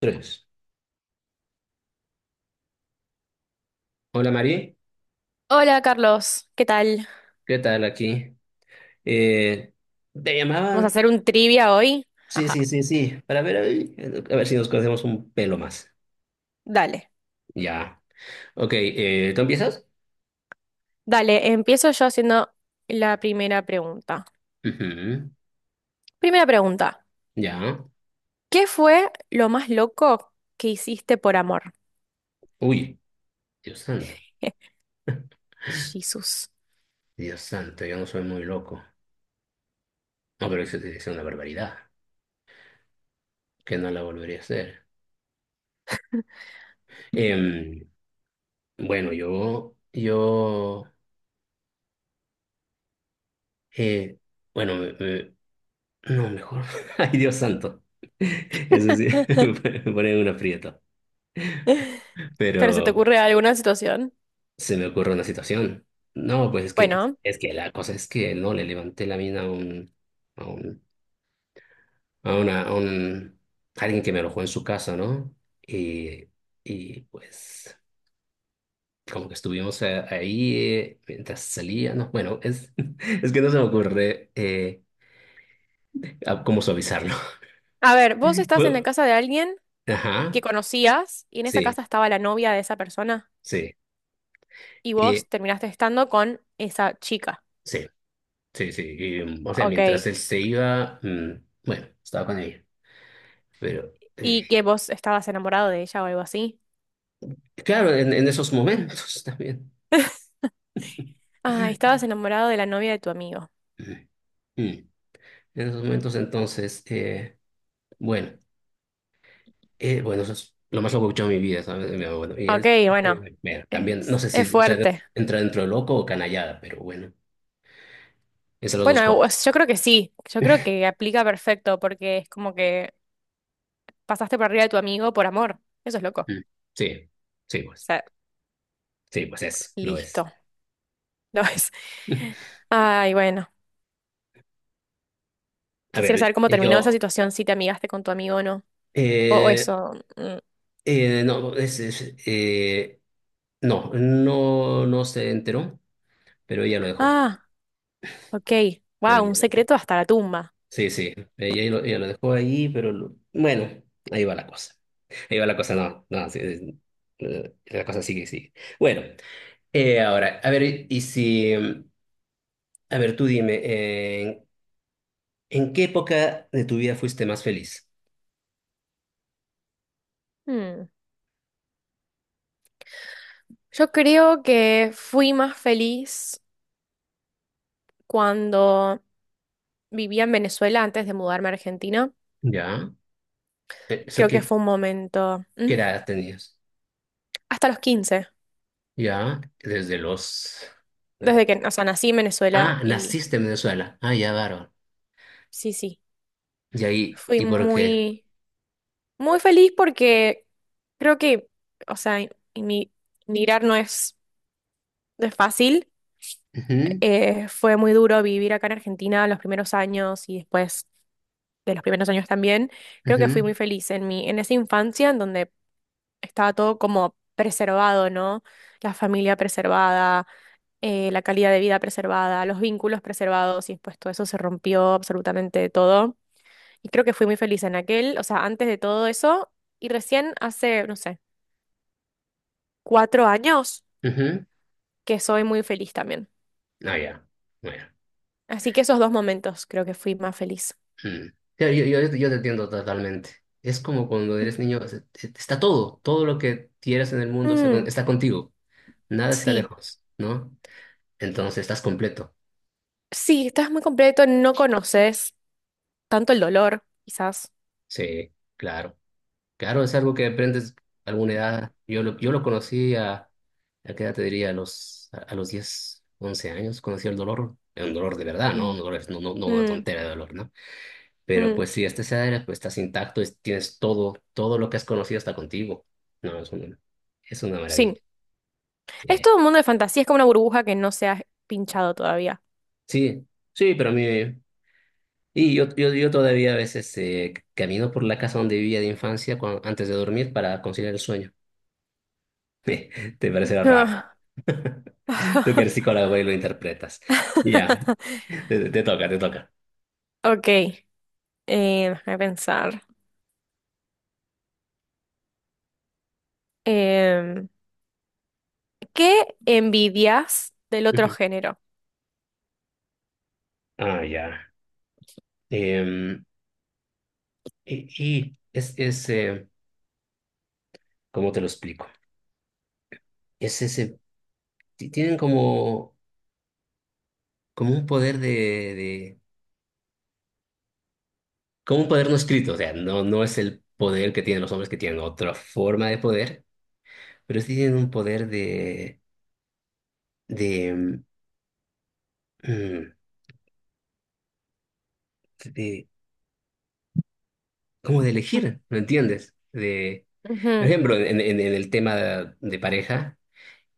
Tres. Hola Mari, Hola Carlos, ¿qué tal? ¿qué tal aquí? Eh, ¿Te Vamos a llamaban? hacer un trivia hoy. Sí, Ajá, sí, sí, sí, para ver, ahí, a ver si nos conocemos un pelo más. dale, Ya. Ok, ¿tú empiezas? dale, empiezo yo haciendo la primera pregunta. Ujú, Primera pregunta, ya. ¿qué fue lo más loco que hiciste por amor? Uy, Dios santo, Jesús. Dios santo, yo no soy muy loco. No, pero eso es una barbaridad, que no la volvería a hacer. Em, bueno, yo, eh, bueno, no, mejor. Ay, Dios santo. Eso sí, me pone un aprieto. ¿Pero se te Pero ocurre alguna situación? se me ocurre una situación. No, pues Bueno, es que la cosa es que no le levanté la mina a un, a un, a una, a un, a alguien que me alojó en su casa, ¿no? Y, y pues como que estuvimos ahí, mientras salía, ¿no? Bueno, es, es que no se me ocurre, cómo suavizarlo. a ver, vos estás en la Bueno, casa de alguien que ajá, conocías y en esa sí, casa estaba la novia de esa persona sí, y vos y, terminaste estando con esa chica, sí, sí, sí, y, o sea, mientras ¿ok? él se iba, bueno, estaba con ella, pero... Y eh, que vos estabas enamorado de ella o algo así. claro, en esos momentos también. Ah, estabas enamorado de la novia de tu amigo. Mm. En esos momentos, entonces, bueno, bueno, eso es lo más loco que he escuchado en mi vida, ¿sabes? Mi abuelo. Y Ok, es, bueno, bueno, también, no sé si es fuerte. entra dentro de loco o canallada, pero bueno, esas son las Bueno, dos cosas. yo creo que sí, yo creo que aplica perfecto porque es como que pasaste por arriba de tu amigo por amor. Eso es loco. O Mm. Sí, sí, pues, sea, sí, pues es, lo es. listo. No es. Ay, bueno, A quisiera ver, saber cómo terminó esa situación, si te amigaste con tu amigo o no. O eh, eso. Mm. No, es, no, no, no se enteró, pero ella lo dejó, Ah, ok. pero Wow, un ella, secreto hasta la tumba. sí, sí, ella lo dejó ahí, bueno, ahí va la cosa. Ahí va la cosa, no, no, sí, sí, la cosa sigue, sigue. Bueno, ahora, a ver, y si, mm, a ver, tú dime, ¿en qué época de tu vida fuiste más feliz? Hmm. Yo creo que fui más feliz cuando vivía en Venezuela antes de mudarme a Argentina. ¿Ya? Eh, ¿Eso Creo que qué, fue un momento, ¿mm? ¿qué edad tenías? Hasta los 15, ¿Ya? Desde los... desde que, o sea, nací en Venezuela Ah, y naciste en Venezuela. Ah, ya, bárbaro. sí, sí, ¿Y ahí? fui ¿Y por qué? muy, muy feliz porque creo que, o sea, imi- emigrar no es, no es fácil. Ujú, Fue muy duro vivir acá en Argentina los primeros años y después de los primeros años también. Creo que fui ujú, muy feliz en mi, en esa infancia en donde estaba todo como preservado, ¿no? La familia preservada, la calidad de vida preservada, los vínculos preservados y después todo eso se rompió absolutamente todo. Y creo que fui muy feliz en aquel, o sea, antes de todo eso y recién hace, no sé, 4 años ujú. que soy muy feliz también. Ah, ya. Bueno. Así que esos dos momentos creo que fui más feliz. Mm. Claro, yo te entiendo totalmente. Es como cuando eres niño, o sea, está todo, todo lo que quieras en el mundo Mm, está contigo, nada está sí, lejos, ¿no? Entonces estás completo. sí, estás muy completo, no conoces tanto el dolor, quizás. Sí, claro. Claro, es algo que aprendes a alguna edad. Yo lo conocí ¿a qué edad te diría? A los 10 11 años, conocí el dolor. Era un dolor de verdad, ¿no? Mm, Un dolor, no, no, no una mm, tontera de dolor, ¿no? Pero mm, pues si este cenário pues, estás intacto, tienes todo, todo lo que has conocido está contigo. No, es una, Sí, maravilla. es Sí, todo un mundo de fantasía, es como una burbuja que no se ha pinchado todavía. sí, sí, pero a mí... Y yo todavía a veces, camino por la casa donde vivía de infancia antes de dormir para conciliar el sueño. Te parecerá raro. Ah. Tú que eres psicólogo y lo interpretas. Ya, te toca, te toca. Ok, déjame pensar. Em, ¿Qué envidias del otro Ujú. género? Ah, ya. Em, y, y es ¿cómo te lo explico? Es ese, tienen como un poder de- como un poder no escrito, o sea, no, no es el poder que tienen los hombres que tienen otra forma de poder, pero sí tienen un poder de, mm, de- como de elegir, ¿me entiendes? Por Ujú, ejemplo, en el tema de, pareja,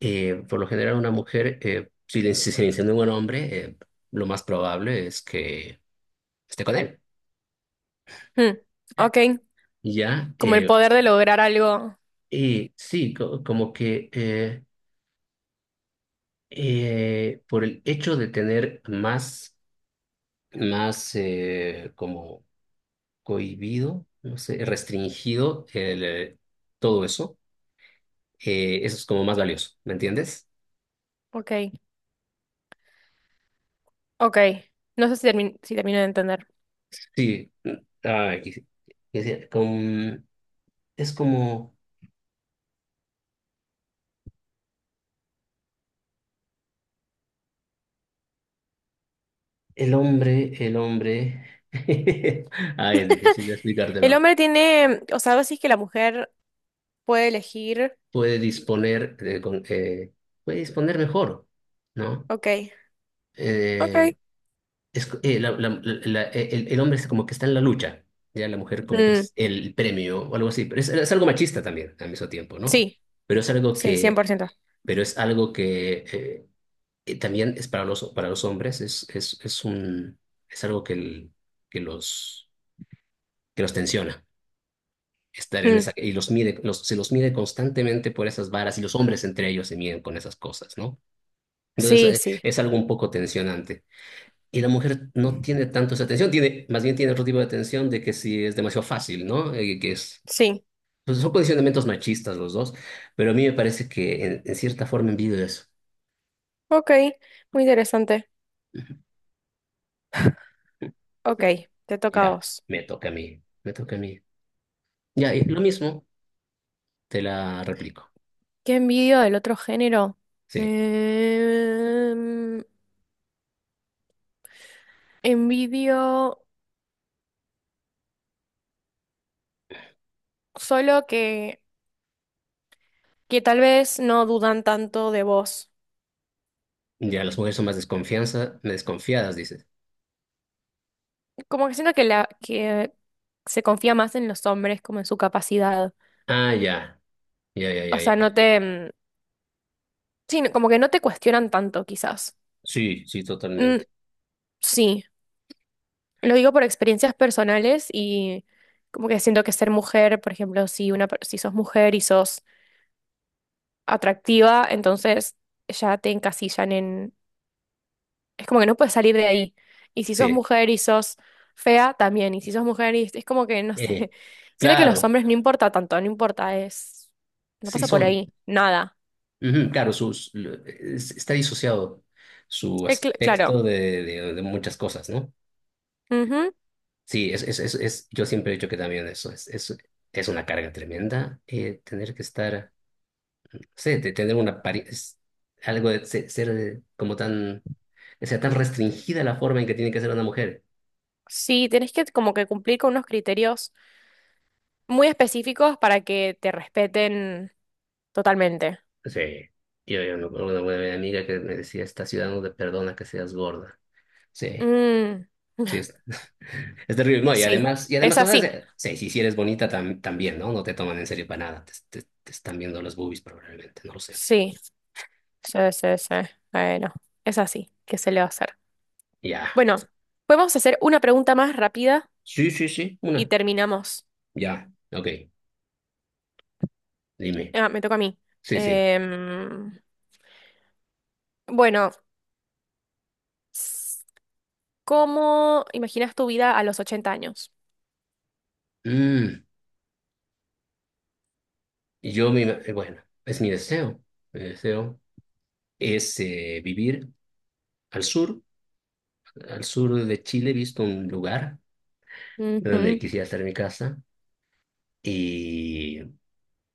por lo general una mujer, si se le insinúa un hombre, lo más probable es que esté con él. mm, Ok, ¿Ya? como el poder de lograr algo. Y sí, Por el hecho de tener más, como cohibido, no sé, restringido el, todo eso, eso es como más valioso, ¿me entiendes? Ok, ok. No sé si, si termino de entender. Sí, sí, y sí, con- es como el hombre, es difícil de El explicártelo, hombre tiene, o sea, vos decís que la mujer puede elegir. puede disponer, de, con- eh, puede disponer mejor, ¿no? Ok, ok. Eh, es, co- la- la- la- El hombre es como que está en la lucha, ya la mujer como que Mm, es el premio o algo así, pero es algo machista también al mismo tiempo, ¿no? sí, Pero es algo sí, que, 100%. pero es algo que, también es para para los hombres, es algo que, que los, que los tensiona, estar en Mm, esa, y los mide, se los mide constantemente por esas varas y los hombres entre ellos se miden con esas cosas, ¿no? Entonces, sí, sí, es algo un poco tensionante. Y la mujer no tiene tanto esa atención, tiene, más bien tiene otro tipo de atención de que si es demasiado fácil, ¿no? Sí. Pues son condicionamientos machistas los dos, pero a mí me parece que en cierta forma envidio eso. Ok, muy interesante. Ujú. Ok, te toca a Ya, vos. me toca a mí, me toca a mí. Ya, y lo mismo, te la replico. ¿Qué envidio del otro género? Sí, Em, envidio solo que tal vez no dudan tanto de vos. ya las mujeres son más desconfianza, desconfiadas, dices. Como que siento que, la, que se confía más en los hombres, como en su capacidad. Ah, ya, ya, ya, ya, O sea, ya. Sí, como que no te cuestionan tanto, quizás. Sí, sí, Mm, totalmente. sí, lo digo por experiencias personales y como que siento que ser mujer, por ejemplo, si, una, si sos mujer y sos atractiva, entonces ya te encasillan. Es como que no puedes salir de ahí. Y si sos Sí, mujer y sos fea, también. Y si sos mujer y es como que, no eh, sé. Siento que los claro, hombres no importa tanto, no importa, es... No sí pasa por son. ahí, nada. Ujú, claro, está disociado su Claro. aspecto de muchas cosas, ¿no? Ujú. Sí, yo siempre he dicho que también eso es, es una carga tremenda, tener que estar, no sé, de es algo de ser, como tan, o sea, tan restringida la forma en que tiene que ser una mujer. Sí, tenés que como que cumplir con unos criterios muy específicos para que te respeten totalmente. Sí, yo me acuerdo de una buena amiga que me decía, esta ciudad no te perdona que seas gorda. Sí. Mm, Sí, es, es terrible. No, y sí, además, es o sea, así. sí, sí, si eres bonita también, ¿no? No te toman en serio para nada. Te están viendo los boobies probablemente, no lo sé. Sí, sí, sí, sí. Bueno, es así. ¿Qué se le va a hacer? Ya. Bueno, podemos hacer una pregunta más rápida Sí, sí, sí, y una. terminamos. Ya. Ok, dime. Ah, me toca a mí. Sí, sí. Em, bueno, s- ¿cómo imaginas tu vida a los 80 años? Mm, bueno, es mi deseo. Mi deseo es, vivir al sur, al sur de Chile, he visto un lugar donde Ujú, quisiera hacer mi casa y,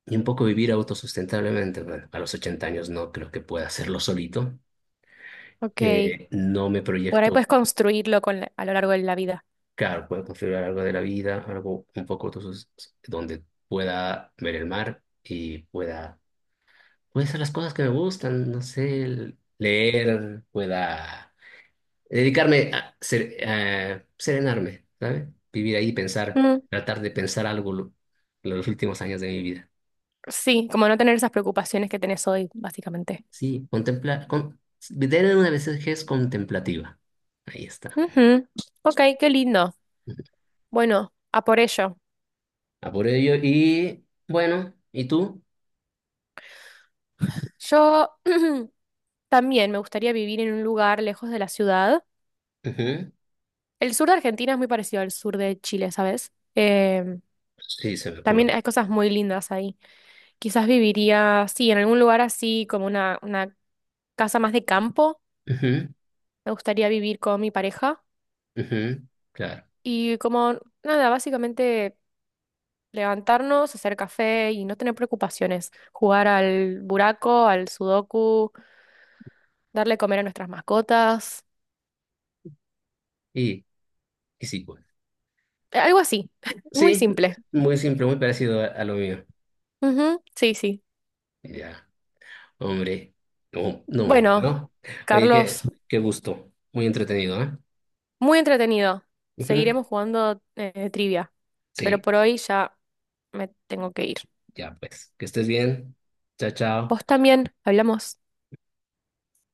y un poco vivir autosustentablemente. Bueno, a los 80 años no creo que pueda hacerlo solito ok. Eh, No me Por ahí proyecto, puedes construirlo con a lo largo de la vida. claro, puedo configurar algo de la vida, algo un poco entonces, donde pueda ver el mar y puede hacer las cosas que me gustan, no sé, leer, pueda dedicarme a serenarme, ¿sabes? Vivir ahí, pensar, Mm, tratar de pensar algo los últimos años de mi vida. sí, como no tener esas preocupaciones que tenés hoy, básicamente. Sí, contemplar, tener una vejez contemplativa. Ahí está. Ujú, ok, qué lindo. Bueno, a por ello. A por ello, y bueno, ¿y tú? Yo también me gustaría vivir en un lugar lejos de la ciudad. Ujú. El sur de Argentina es muy parecido al sur de Chile, ¿sabes? Sí, se me ocurre. También hay cosas muy lindas. Quizás viviría, sí, en algún lugar así, como una casa más de campo. Ujú, Me gustaría vivir con mi pareja. ujú, claro. Y como, nada, básicamente levantarnos, hacer café y no tener preocupaciones. Jugar al buraco, al sudoku, darle comer a nuestras mascotas. Y, y sí, pues. Algo así, muy Sí, simple. muy simple, muy parecido a lo mío. Ujú, sí, sí. Ya, hombre. No, no, hombre, Bueno, ¿no? Oye, Carlos, qué gusto. Muy entretenido, ¿eh? muy entretenido. Ujú. Seguiremos jugando trivia, pero Sí, por hoy ya me tengo que ir. ya, pues. Que estés bien. Chao, chao. Vos también, hablamos.